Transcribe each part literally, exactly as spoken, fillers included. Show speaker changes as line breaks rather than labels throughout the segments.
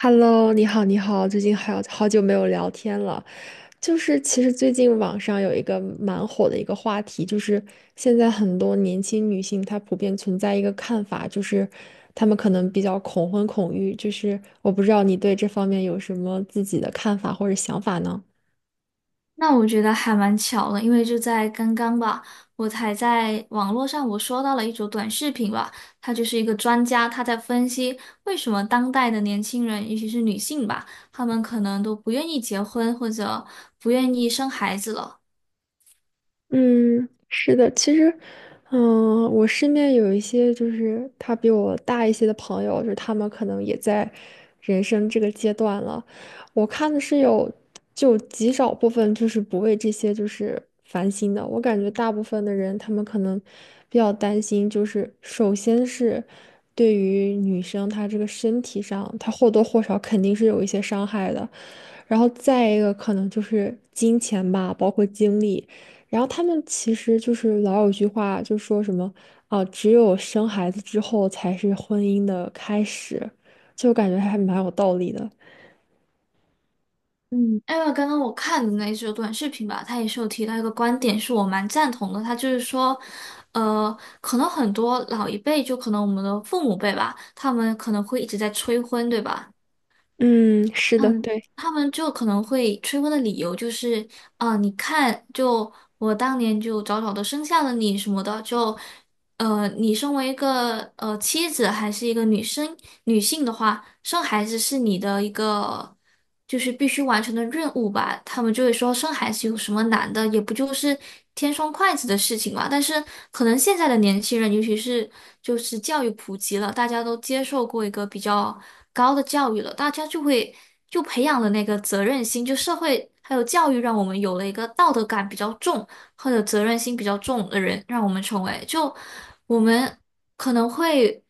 Hello，你好，你好，最近好好久没有聊天了。就是其实最近网上有一个蛮火的一个话题，就是现在很多年轻女性她普遍存在一个看法，就是她们可能比较恐婚恐育。就是我不知道你对这方面有什么自己的看法或者想法呢？
那我觉得还蛮巧的，因为就在刚刚吧，我才在网络上我刷到了一组短视频吧，他就是一个专家，他在分析为什么当代的年轻人，尤其是女性吧，她们可能都不愿意结婚或者不愿意生孩子了。
嗯，是的，其实，嗯、我身边有一些就是他比我大一些的朋友，就是他们可能也在人生这个阶段了。我看的是有就极少部分就是不为这些就是烦心的。我感觉大部分的人，他们可能比较担心，就是首先是对于女生她这个身体上，她或多或少肯定是有一些伤害的。然后再一个可能就是金钱吧，包括精力。然后他们其实就是老有句话，就说什么啊、只有生孩子之后才是婚姻的开始，就感觉还蛮有道理的。
嗯，因为刚刚我看的那一组短视频吧，他也是有提到一个观点，是我蛮赞同的，他就是说，呃，可能很多老一辈，就可能我们的父母辈吧，他们可能会一直在催婚，对吧？
嗯，是的，
嗯，
对。
他们就可能会催婚的理由就是，啊、你看，就我当年就早早的生下了你什么的，就呃，你身为一个呃妻子还是一个女生女性的话，生孩子是你的一个就是必须完成的任务吧？他们就会说生孩子有什么难的，也不就是添双筷子的事情嘛。但是可能现在的年轻人，尤其是就是教育普及了，大家都接受过一个比较高的教育了，大家就会就培养了那个责任心，就社会还有教育让我们有了一个道德感比较重。或者责任心比较重的人，让我们成为。就我们可能会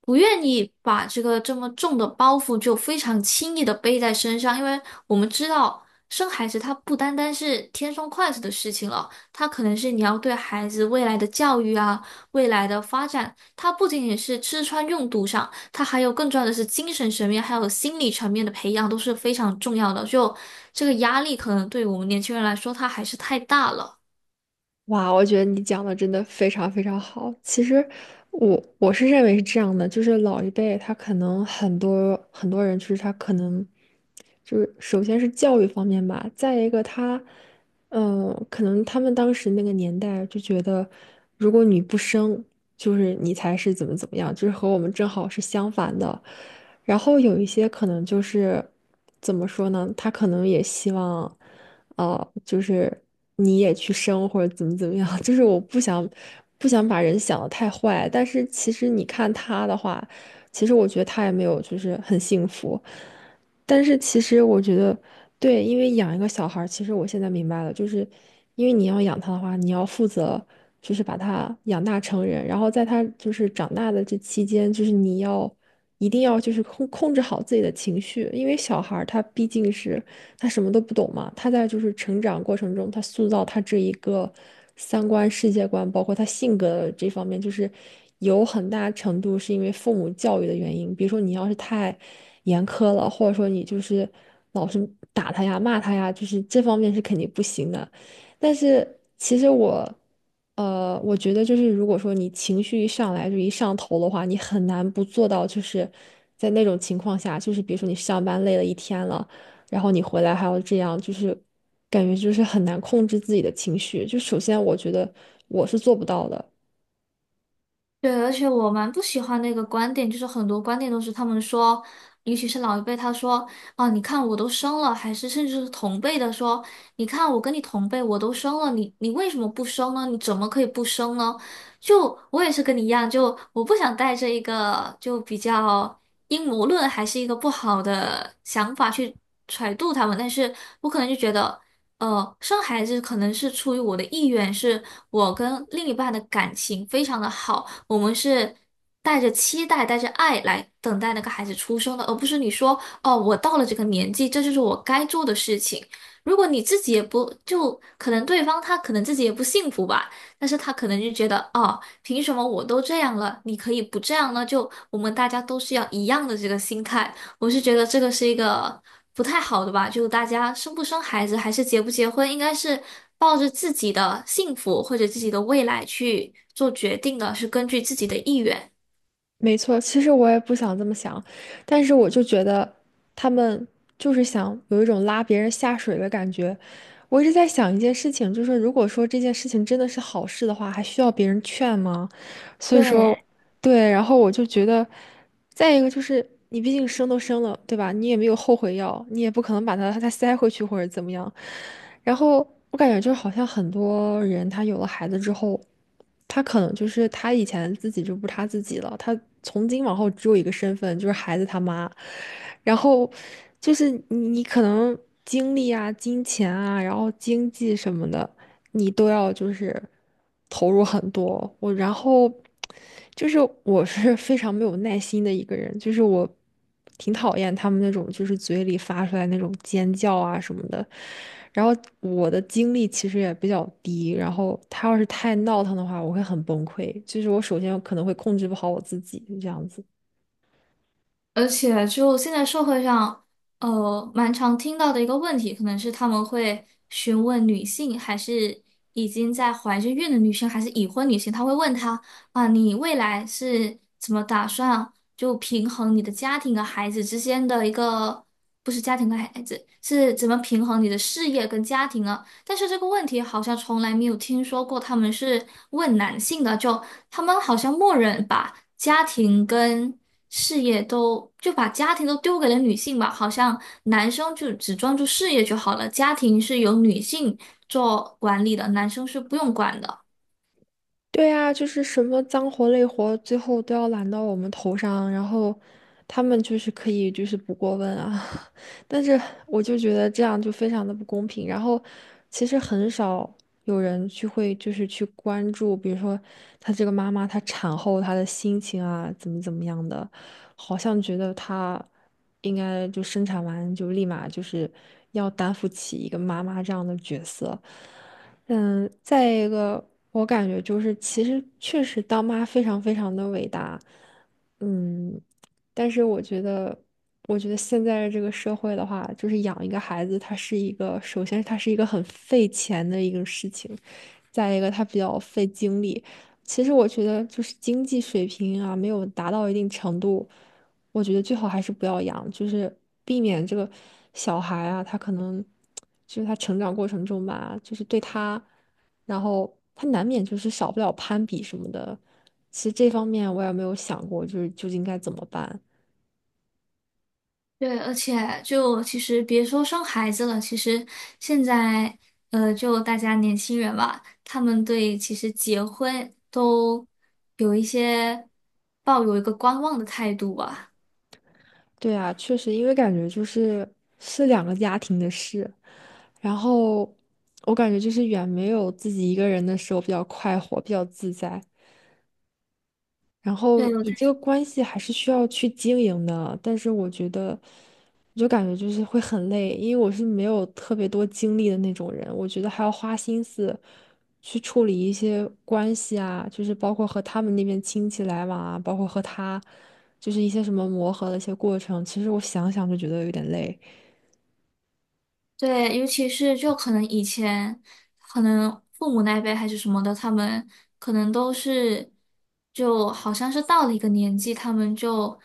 不愿意把这个这么重的包袱就非常轻易的背在身上，因为我们知道生孩子它不单单是天生快乐的事情了，它可能是你要对孩子未来的教育啊、未来的发展，它不仅仅是吃穿用度上，它还有更重要的是精神层面还有心理层面的培养都是非常重要的。就这个压力可能对我们年轻人来说，它还是太大了。
哇，我觉得你讲的真的非常非常好。其实我我是认为是这样的，就是老一辈他可能很多很多人，就是他可能就是首先是教育方面吧，再一个他，嗯、可能他们当时那个年代就觉得，如果你不生，就是你才是怎么怎么样，就是和我们正好是相反的。然后有一些可能就是怎么说呢，他可能也希望。哦，就是你也去生或者怎么怎么样，就是我不想不想把人想的太坏，但是其实你看他的话，其实我觉得他也没有就是很幸福，但是其实我觉得对，因为养一个小孩儿其实我现在明白了，就是因为你要养他的话，你要负责就是把他养大成人，然后在他就是长大的这期间，就是你要。一定要就是控控制好自己的情绪，因为小孩儿他毕竟是他什么都不懂嘛。他在就是成长过程中，他塑造他这一个三观、世界观，包括他性格这方面，就是有很大程度是因为父母教育的原因。比如说，你要是太严苛了，或者说你就是老是打他呀、骂他呀，就是这方面是肯定不行的。但是其实我。呃，我觉得就是，如果说你情绪一上来就一上头的话，你很难不做到，就是在那种情况下，就是比如说你上班累了一天了，然后你回来还要这样，就是感觉就是很难控制自己的情绪。就首先，我觉得我是做不到的，
对，而且我蛮不喜欢那个观点，就是很多观点都是他们说，尤其是老一辈，他说啊，你看我都生了，还是甚至是同辈的说，你看我跟你同辈，我都生了，你你为什么不生呢？你怎么可以不生呢？就我也是跟你一样，就我不想带着一个就比较阴谋论还是一个不好的想法去揣度他们，但是我可能就觉得。呃，生孩子可能是出于我的意愿，是我跟另一半的感情非常的好，我们是带着期待、带着爱来等待那个孩子出生的，而不是你说哦，我到了这个年纪，这就是我该做的事情。如果你自己也不，就可能对方他可能自己也不幸福吧，但是他可能就觉得哦，凭什么我都这样了，你可以不这样呢？就我们大家都是要一样的这个心态。我是觉得这个是一个不太好的吧，就大家生不生孩子，还是结不结婚，应该是抱着自己的幸福或者自己的未来去做决定的，是根据自己的意愿。
没错。其实我也不想这么想，但是我就觉得他们就是想有一种拉别人下水的感觉。我一直在想一件事情，就是如果说这件事情真的是好事的话，还需要别人劝吗？所以说，
对。
对，然后我就觉得，再一个就是你毕竟生都生了，对吧？你也没有后悔药，你也不可能把他再塞回去或者怎么样。然后我感觉就好像很多人他有了孩子之后，他可能就是他以前自己就不是他自己了，他从今往后只有一个身份，就是孩子他妈。然后就是你你可能精力啊、金钱啊，然后经济什么的。你都要就是投入很多。我然后就是我是非常没有耐心的一个人，就是我挺讨厌他们那种就是嘴里发出来那种尖叫啊什么的。然后我的精力其实也比较低，然后他要是太闹腾的话，我会很崩溃。就是我首先可能会控制不好我自己，这样子。
而且就现在社会上，呃，蛮常听到的一个问题，可能是他们会询问女性，还是已经在怀着孕的女性，还是已婚女性，他会问她啊，你未来是怎么打算就平衡你的家庭和孩子之间的一个，不是家庭和孩子，是怎么平衡你的事业跟家庭啊？但是这个问题好像从来没有听说过他们是问男性的，就他们好像默认把家庭跟事业都，就把家庭都丢给了女性吧，好像男生就只专注事业就好了，家庭是由女性做管理的，男生是不用管的。
对啊，就是什么脏活累活，最后都要揽到我们头上，然后他们就是可以就是不过问啊，但是我就觉得这样就非常的不公平。然后其实很少有人去会就是去关注，比如说她这个妈妈她产后她的心情啊，怎么怎么样的，好像觉得她应该就生产完就立马就是要担负起一个妈妈这样的角色。嗯，再一个，我感觉就是，其实确实当妈非常非常的伟大，嗯，但是我觉得，我觉得现在这个社会的话，就是养一个孩子，它是一个，首先它是一个很费钱的一个事情，再一个它比较费精力。其实我觉得，就是经济水平啊，没有达到一定程度。我觉得最好还是不要养，就是避免这个小孩啊，他可能就是他成长过程中吧，就是对他，然后他难免就是少不了攀比什么的。其实这方面我也没有想过，就是究竟该怎么办。
对，而且就其实别说生孩子了，其实现在呃，就大家年轻人吧，他们对其实结婚都有一些抱有一个观望的态度吧。
对啊，确实，因为感觉就是是两个家庭的事，然后我感觉就是远没有自己一个人的时候比较快活，比较自在。然后你这
对，
个关系还是需要去经营的，但是我觉得，我就感觉就是会很累，因为我是没有特别多精力的那种人，我觉得还要花心思去处理一些关系啊，就是包括和他们那边亲戚来往啊，包括和他，就是一些什么磨合的一些过程，其实我想想就觉得有点累。
对，尤其是就可能以前，可能父母那一辈还是什么的，他们可能都是，就好像是到了一个年纪，他们就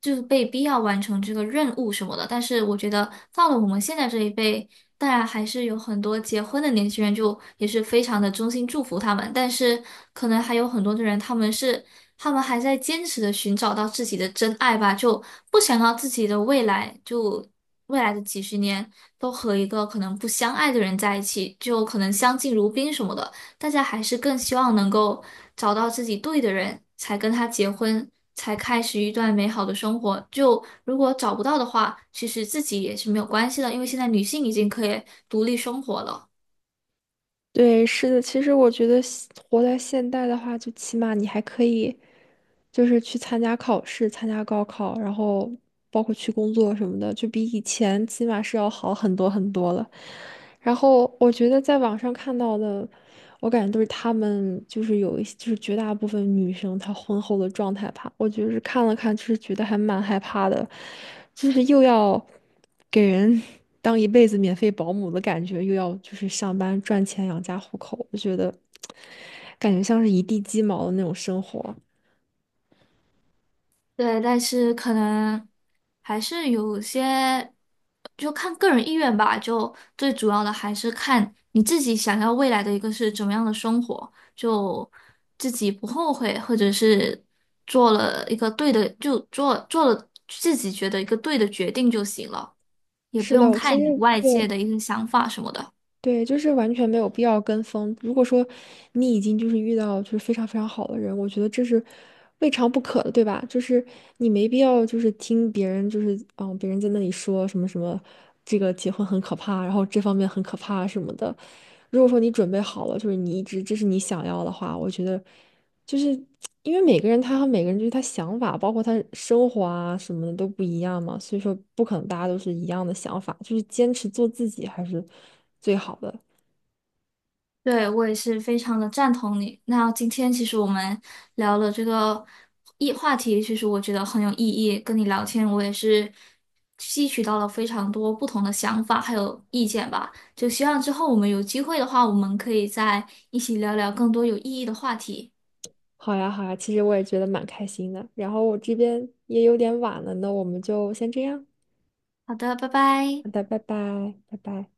就是被逼要完成这个任务什么的。但是我觉得到了我们现在这一辈，当然还是有很多结婚的年轻人，就也是非常的衷心祝福他们。但是可能还有很多的人，他们是他们还在坚持的寻找到自己的真爱吧，就不想要自己的未来，就未来的几十年都和一个可能不相爱的人在一起，就可能相敬如宾什么的。大家还是更希望能够找到自己对的人，才跟他结婚，才开始一段美好的生活。就如果找不到的话，其实自己也是没有关系的，因为现在女性已经可以独立生活了。
对，是的，其实我觉得现活在现代的话，就起码你还可以。就是去参加考试、参加高考，然后包括去工作什么的，就比以前起码是要好很多很多了。然后我觉得在网上看到的，我感觉都是他们就是有一些就是绝大部分女生她婚后的状态吧，我就是看了看，就是觉得还蛮害怕的，就是又要给人 当一辈子免费保姆的感觉，又要就是上班赚钱养家糊口，我觉得感觉像是一地鸡毛的那种生活。
对，但是可能还是有些，就看个人意愿吧。就最主要的还是看你自己想要未来的一个是怎么样的生活，就自己不后悔，或者是做了一个对的，就做做了自己觉得一个对的决定就行了，也不
是
用
的，其
太理
实
外
对
界的一些想法什么的。
对，就是完全没有必要跟风。如果说你已经就是遇到就是非常非常好的人，我觉得这是未尝不可的，对吧？就是你没必要就是听别人就是嗯，别人在那里说什么什么，这个结婚很可怕，然后这方面很可怕什么的。如果说你准备好了，就是你一直这是你想要的话，我觉得。就是因为每个人他和每个人就是他想法，包括他生活啊什么的都不一样嘛，所以说不可能大家都是一样的想法，就是坚持做自己还是最好的。
对，我也是非常的赞同你。那今天其实我们聊了这个议话题，其实我觉得很有意义。跟你聊天，我也是吸取到了非常多不同的想法还有意见吧。就希望之后我们有机会的话，我们可以再一起聊聊更多有意义的话题。
好呀，好呀，其实我也觉得蛮开心的。然后我这边也有点晚了，那我们就先这样。
好的，拜拜。
好的，拜拜，拜拜。